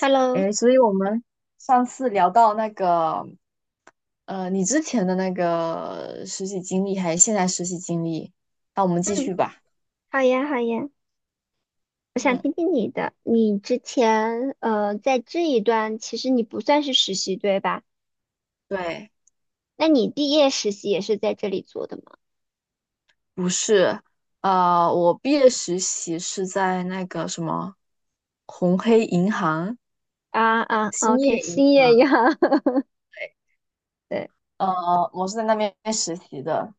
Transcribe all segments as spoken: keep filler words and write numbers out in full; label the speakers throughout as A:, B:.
A: Hello，
B: 哎，所以我们上次聊到那个，呃，你之前的那个实习经历，还是现在实习经历，那我们继
A: 嗯，
B: 续吧。
A: 好呀，好呀，我想
B: 嗯，
A: 听听你的。你之前呃，在这一段其实你不算是实习，对吧？
B: 对。
A: 那你毕业实习也是在这里做的吗？
B: 不是，呃，我毕业实习是在那个什么红黑银行、
A: 啊啊
B: 兴
A: ，OK，
B: 业银
A: 新业呀，
B: 行，
A: 对，
B: 呃，我是在那边实习的。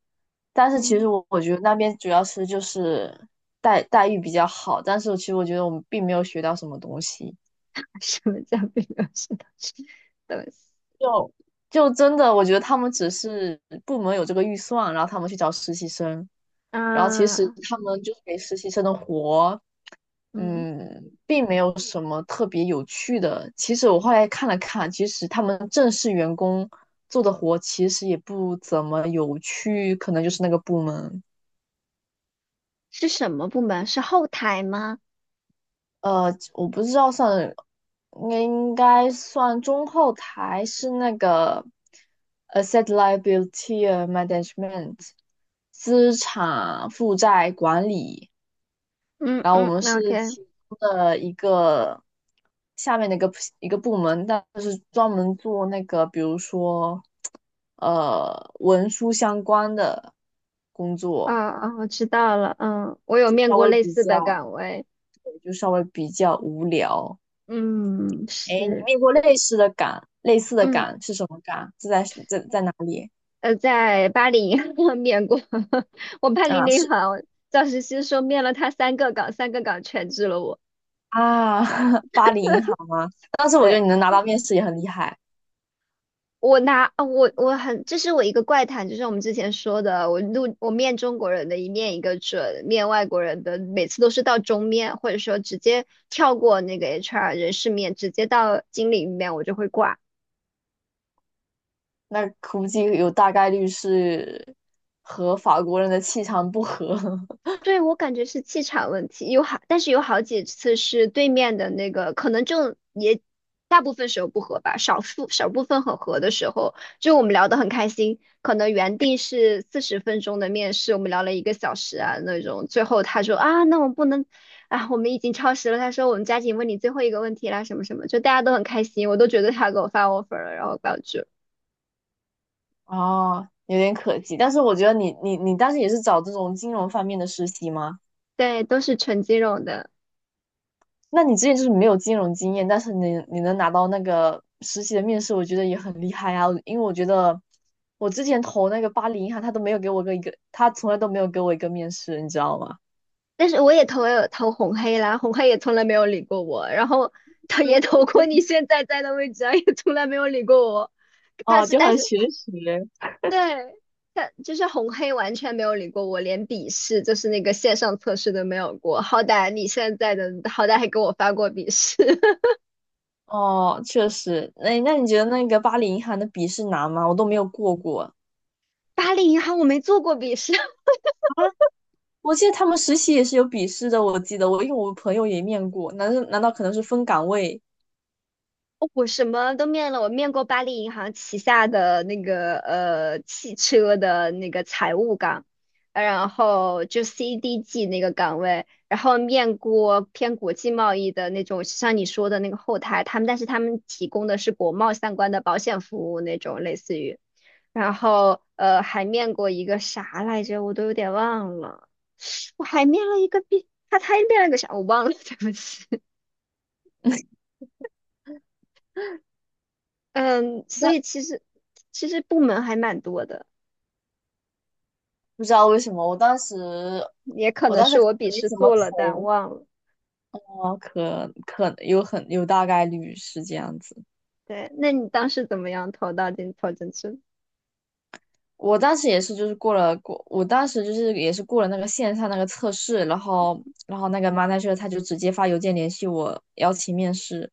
B: 但是其实
A: 嗯，
B: 我我觉得那边主要是就是待待遇比较好，但是其实我觉得我们并没有学到什么东西。
A: 什么叫并没有学到什么东西？
B: 就真的，我觉得他们只是部门有这个预算，然后他们去找实习生，然后其实
A: 啊，
B: 他们就是给实习生的活，
A: 嗯，
B: 嗯，并没有什么特别有趣的。其实我后来看了看，其实他们正式员工做的活其实也不怎么有趣，可能就是那个部门。
A: 是什么部门？是后台吗？
B: 呃，我不知道算，应该应该算中后台，是那个 asset liability management 资产负债管理，
A: 嗯
B: 然后我
A: 嗯
B: 们是
A: ，OK，
B: 其中的一个下面的一个一个部门，但是专门做那个，比如说呃文书相关的工
A: 那
B: 作，
A: 啊啊，我知道了，嗯，我有
B: 就
A: 面
B: 稍
A: 过
B: 微
A: 类
B: 比
A: 似的
B: 较，
A: 岗位，
B: 对就稍微比较无聊。
A: 嗯，
B: 哎，你
A: 是。
B: 面过类似的岗，类似的
A: 嗯。
B: 岗是什么岗？是在在在哪里
A: 呃，在巴黎 面过，我巴黎
B: 啊？
A: 那
B: 是
A: 行赵石溪说面了他三个岗，三个岗全治了我。
B: 啊，巴黎银行吗？当时我觉得
A: 对，
B: 你能拿到面试也很厉害。
A: 我拿，啊我我很，这是我一个怪谈，就是我们之前说的，我录我面中国人的一面一个准，面外国人的每次都是到中面，或者说直接跳过那个 H R 人事面，直接到经理面，我就会挂。
B: 那估计有大概率是和法国人的气场不合。
A: 对，我感觉是气场问题，有好，但是有好几次是对面的那个，可能就也大部分时候不合吧，少数少部分很合的时候，就我们聊得很开心，可能原定是四十分钟的面试，我们聊了一个小时啊那种，最后他说啊，那我们不能啊，我们已经超时了，他说我们加紧问你最后一个问题啦，什么什么，就大家都很开心，我都觉得他给我发 offer 了，然后把我拒了。
B: 哦，有点可惜。但是我觉得你你你当时也是找这种金融方面的实习吗？
A: 对，都是纯金融的。
B: 那你之前就是没有金融经验，但是你你能拿到那个实习的面试，我觉得也很厉害啊。因为我觉得我之前投那个巴黎银行，他都没有给我个一个，他从来都没有给我一个面试，你知道吗？
A: 但是我也投也有投红黑啦，红黑也从来没有理过我，然后他也投过 你
B: 就
A: 现在在的位置啊，也从来没有理过我。他
B: 哦，
A: 是，
B: 就
A: 但
B: 很
A: 是
B: 学习。
A: 对，他就是红黑完全没有理过我，连笔试就是那个线上测试都没有过。好歹你现在的，好歹还给我发过笔试。
B: 哦，确实。那那你觉得那个巴黎银行的笔试难吗？我都没有过过啊。
A: 巴黎银行我没做过笔试，
B: 我记得他们实习也是有笔试的，我记得我因为我朋友也面过，难道难道可能是分岗位？
A: 哦我什么都面了，我面过巴黎银行旗下的那个呃汽车的那个财务岗，呃然后就 C D G 那个岗位，然后面过偏国际贸易的那种，像你说的那个后台，他们但是他们提供的是国贸相关的保险服务那种，类似于，然后呃还面过一个啥来着，我都有点忘了，我还面了一个 B，他他面了个啥我忘了，对不起。嗯，所
B: 那
A: 以其实其实部门还蛮多的，
B: 不知道为什么，我当时
A: 也可
B: 我
A: 能
B: 当时
A: 是我笔
B: 没
A: 试
B: 怎么
A: 做了但
B: 投，
A: 忘了。
B: 哦，可可有很有大概率是这样子。
A: 对，那你当时怎么样投到进投进去？
B: 我当时也是，就是过了过，我当时就是也是过了那个线上那个测试，然后然后那个 manager 他就直接发邮件联系我邀请面试。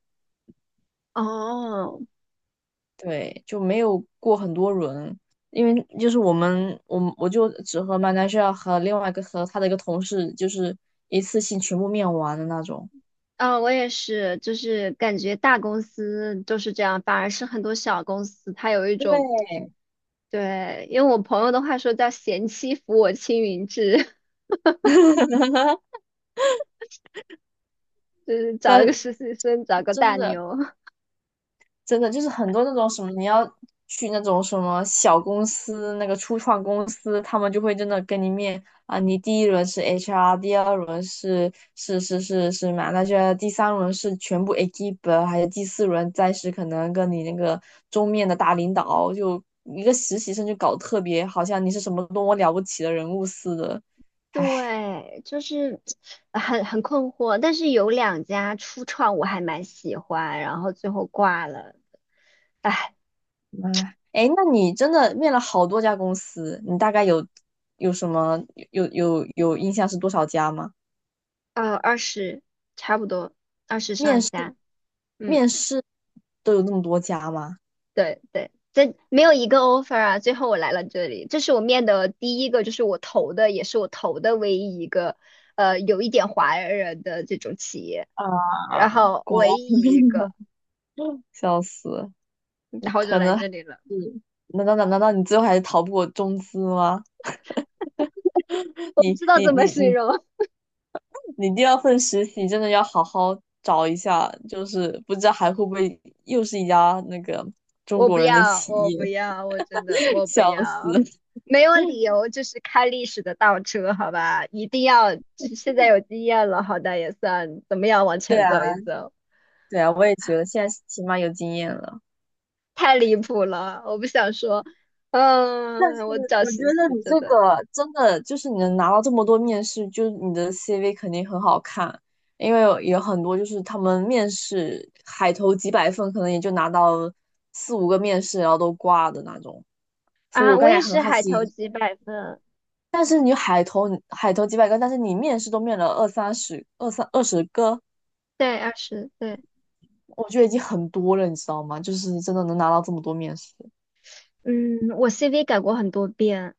A: 哦，
B: 对，就没有过很多轮，因为就是我们我们我就只和 manager 和另外一个和他的一个同事就是一次性全部面完的那种。
A: 啊，我也是，就是感觉大公司就是这样，反而是很多小公司它有一
B: 对，
A: 种，对，因为我朋友的话说叫“贤妻扶我青云志”，就是找一个
B: 但
A: 实习生，找个
B: 真
A: 大
B: 的，
A: 牛。
B: 真的就是很多那种什么，你要去那种什么小公司，那个初创公司，他们就会真的跟你面啊。你第一轮是 H R，第二轮是是是是是嘛，那就 a 第三轮是全部 e q u i p 还有第四轮再是可能跟你那个中面的大领导，就一个实习生就搞得特别好像你是什么多么了不起的人物似的，还
A: 对，就是很很困惑，但是有两家初创我还蛮喜欢，然后最后挂了，
B: 哎。哎，那你真的面了好多家公司，你大概有有什么有有有印象是多少家吗？
A: 呃，二十差不多，二十
B: 面
A: 上
B: 试
A: 下，嗯，
B: 面试都有那么多家吗？
A: 对对，这没有一个 offer 啊，最后我来了这里，这是我面的第一个，就是我投的，也是我投的唯一一个，呃，有一点华人的这种企业，
B: 啊，
A: 然后
B: 果然
A: 唯
B: 是
A: 一
B: 面
A: 一
B: 试。
A: 个，
B: 笑死，
A: 然后就
B: 可
A: 来
B: 能还
A: 这里了，
B: 是难道难难道你最后还是逃不过中资吗？
A: 我不
B: 你
A: 知道
B: 你
A: 怎么
B: 你
A: 形
B: 你
A: 容，
B: 你第二份实习真的要好好找一下，就是不知道还会不会又是一家那个中
A: 我不
B: 国人的
A: 要，
B: 企
A: 我
B: 业。
A: 不要，我真的我 不
B: 笑死。
A: 要，没有理 由就是开历史的倒车，好吧？一定要，这现在有经验了，好歹也算怎么样往
B: 对
A: 前
B: 啊，
A: 走一走，
B: 对啊，我也觉得现在起码有经验了。
A: 太离谱了，我不想说，嗯，我找
B: 我觉
A: 实
B: 得
A: 习
B: 你
A: 真
B: 这
A: 的
B: 个真的就是你能拿到这么多面试，就是你的 C V 肯定很好看，因为有有很多就是他们面试海投几百份，可能也就拿到四五个面试，然后都挂的那种。所以我
A: 啊，我
B: 刚才
A: 也
B: 很
A: 是
B: 好
A: 海投
B: 奇，
A: 几百分，
B: 海投几百个，但是你面试都面了二三十、二三二十个，
A: 对二十对，
B: 我觉得已经很多了，你知道吗？就是真的能拿到这么多面试。
A: 嗯，我 C V 改过很多遍，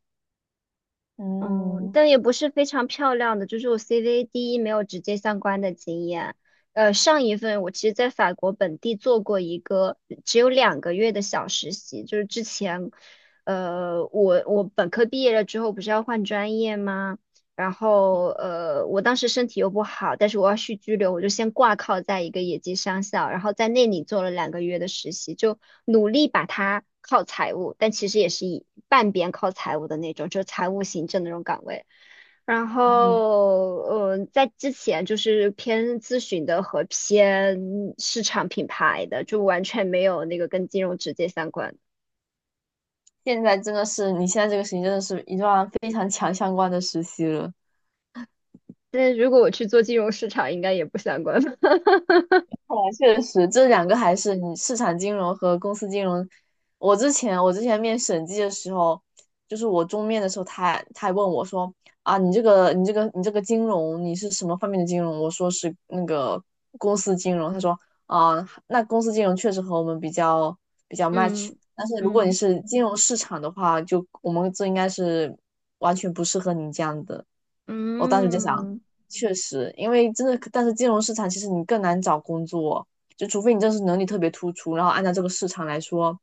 A: 嗯，
B: 嗯
A: 但也不是非常漂亮的，就是我 C V 第一没有直接相关的经验。呃，上一份我其实在法国本地做过一个只有两个月的小实习，就是之前，呃，我我本科毕业了之后不是要换专业吗？然后呃，我当时身体又不好，但是我要续居留，我就先挂靠在一个野鸡商校，然后在那里做了两个月的实习，就努力把它靠财务，但其实也是以半边靠财务的那种，就是财务行政的那种岗位。然
B: 嗯，
A: 后，呃，在之前就是偏咨询的和偏市场品牌的，就完全没有那个跟金融直接相关的。
B: 现在真的是，你现在这个事情真的是一段非常强相关的实习了。
A: 但是如果我去做金融市场，应该也不相关吧。
B: 看来确实，这两个还是你市场金融和公司金融。我之前我之前面审计的时候，就是我中面的时候他还，他他还问我说啊，你这个你这个你这个金融你是什么方面的金融？我说是那个公司金融。他说啊，那公司金融确实和我们比较比较 match，
A: 嗯
B: 但是如果你
A: 嗯。
B: 是金融市场的话，就我们这应该是完全不适合你这样的。我当时就想，
A: 嗯
B: 确实，因为真的，但是金融市场其实你更难找工作，就除非你真是能力特别突出，然后按照这个市场来说，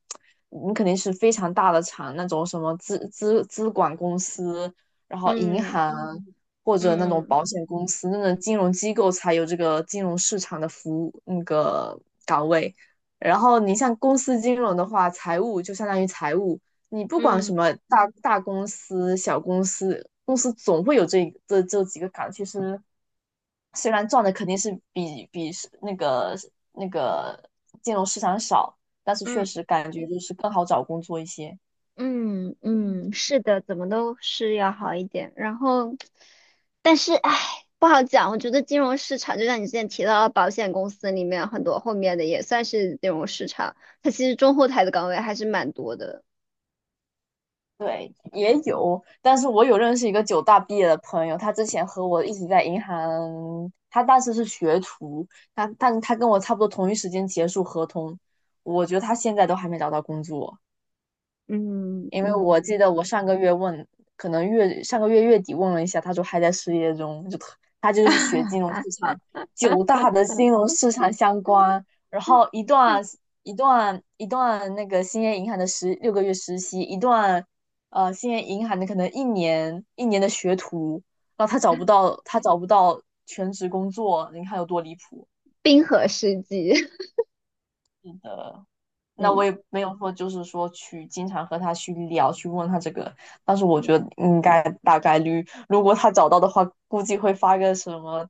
B: 你肯定是非常大的厂，那种什么资资资管公司，然后银
A: 嗯
B: 行嗯或者那种
A: 嗯
B: 保险公司，那种金融机构才有这个金融市场的服务那个岗位。然后你像公司金融的话，财务就相当于财务，你不管什
A: 嗯
B: 么大大公司、小公司，公司总会有这这这几个岗。其实虽然赚的肯定是比比是那个那个金融市场少，但是确
A: 嗯
B: 实感觉就是更好找工作一些。
A: 嗯嗯，是的，怎么都是要好一点。然后，但是唉，不好讲。我觉得金融市场，就像你之前提到的保险公司里面很多后面的也算是金融市场，它其实中后台的岗位还是蛮多的。
B: 对，也有，但是我有认识一个九大毕业的朋友，他之前和我一起在银行，他当时是学徒，他但他跟我差不多同一时间结束合同，我觉得他现在都还没找到工作。
A: 嗯
B: 因为我记
A: 嗯，
B: 得我上个月问，可能月上个月月底问了一下，他说还在失业中，就特他就是学金融市场，九大的金融市场相关，然后一段一段一段那个兴业银行的十六个月实习，一段呃兴业银行的可能一年一年的学徒，然后他找不到他找不到全职工作，你看有多离谱。
A: 冰河世纪。
B: 是的，那我
A: 嗯
B: 也没有说，就是说去经常和他去聊，去问他这个。但是我觉得应该大概率，如果他找到的话，估计会发个什么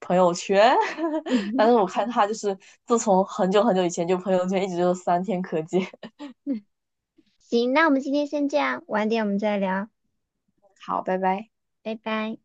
B: 朋友圈 但
A: 嗯，
B: 是我看他就是自从很久很久以前，就朋友圈一直就是三天可见。
A: 行，那我们今天先这样，晚点我们再聊，
B: 好，拜拜。
A: 拜拜。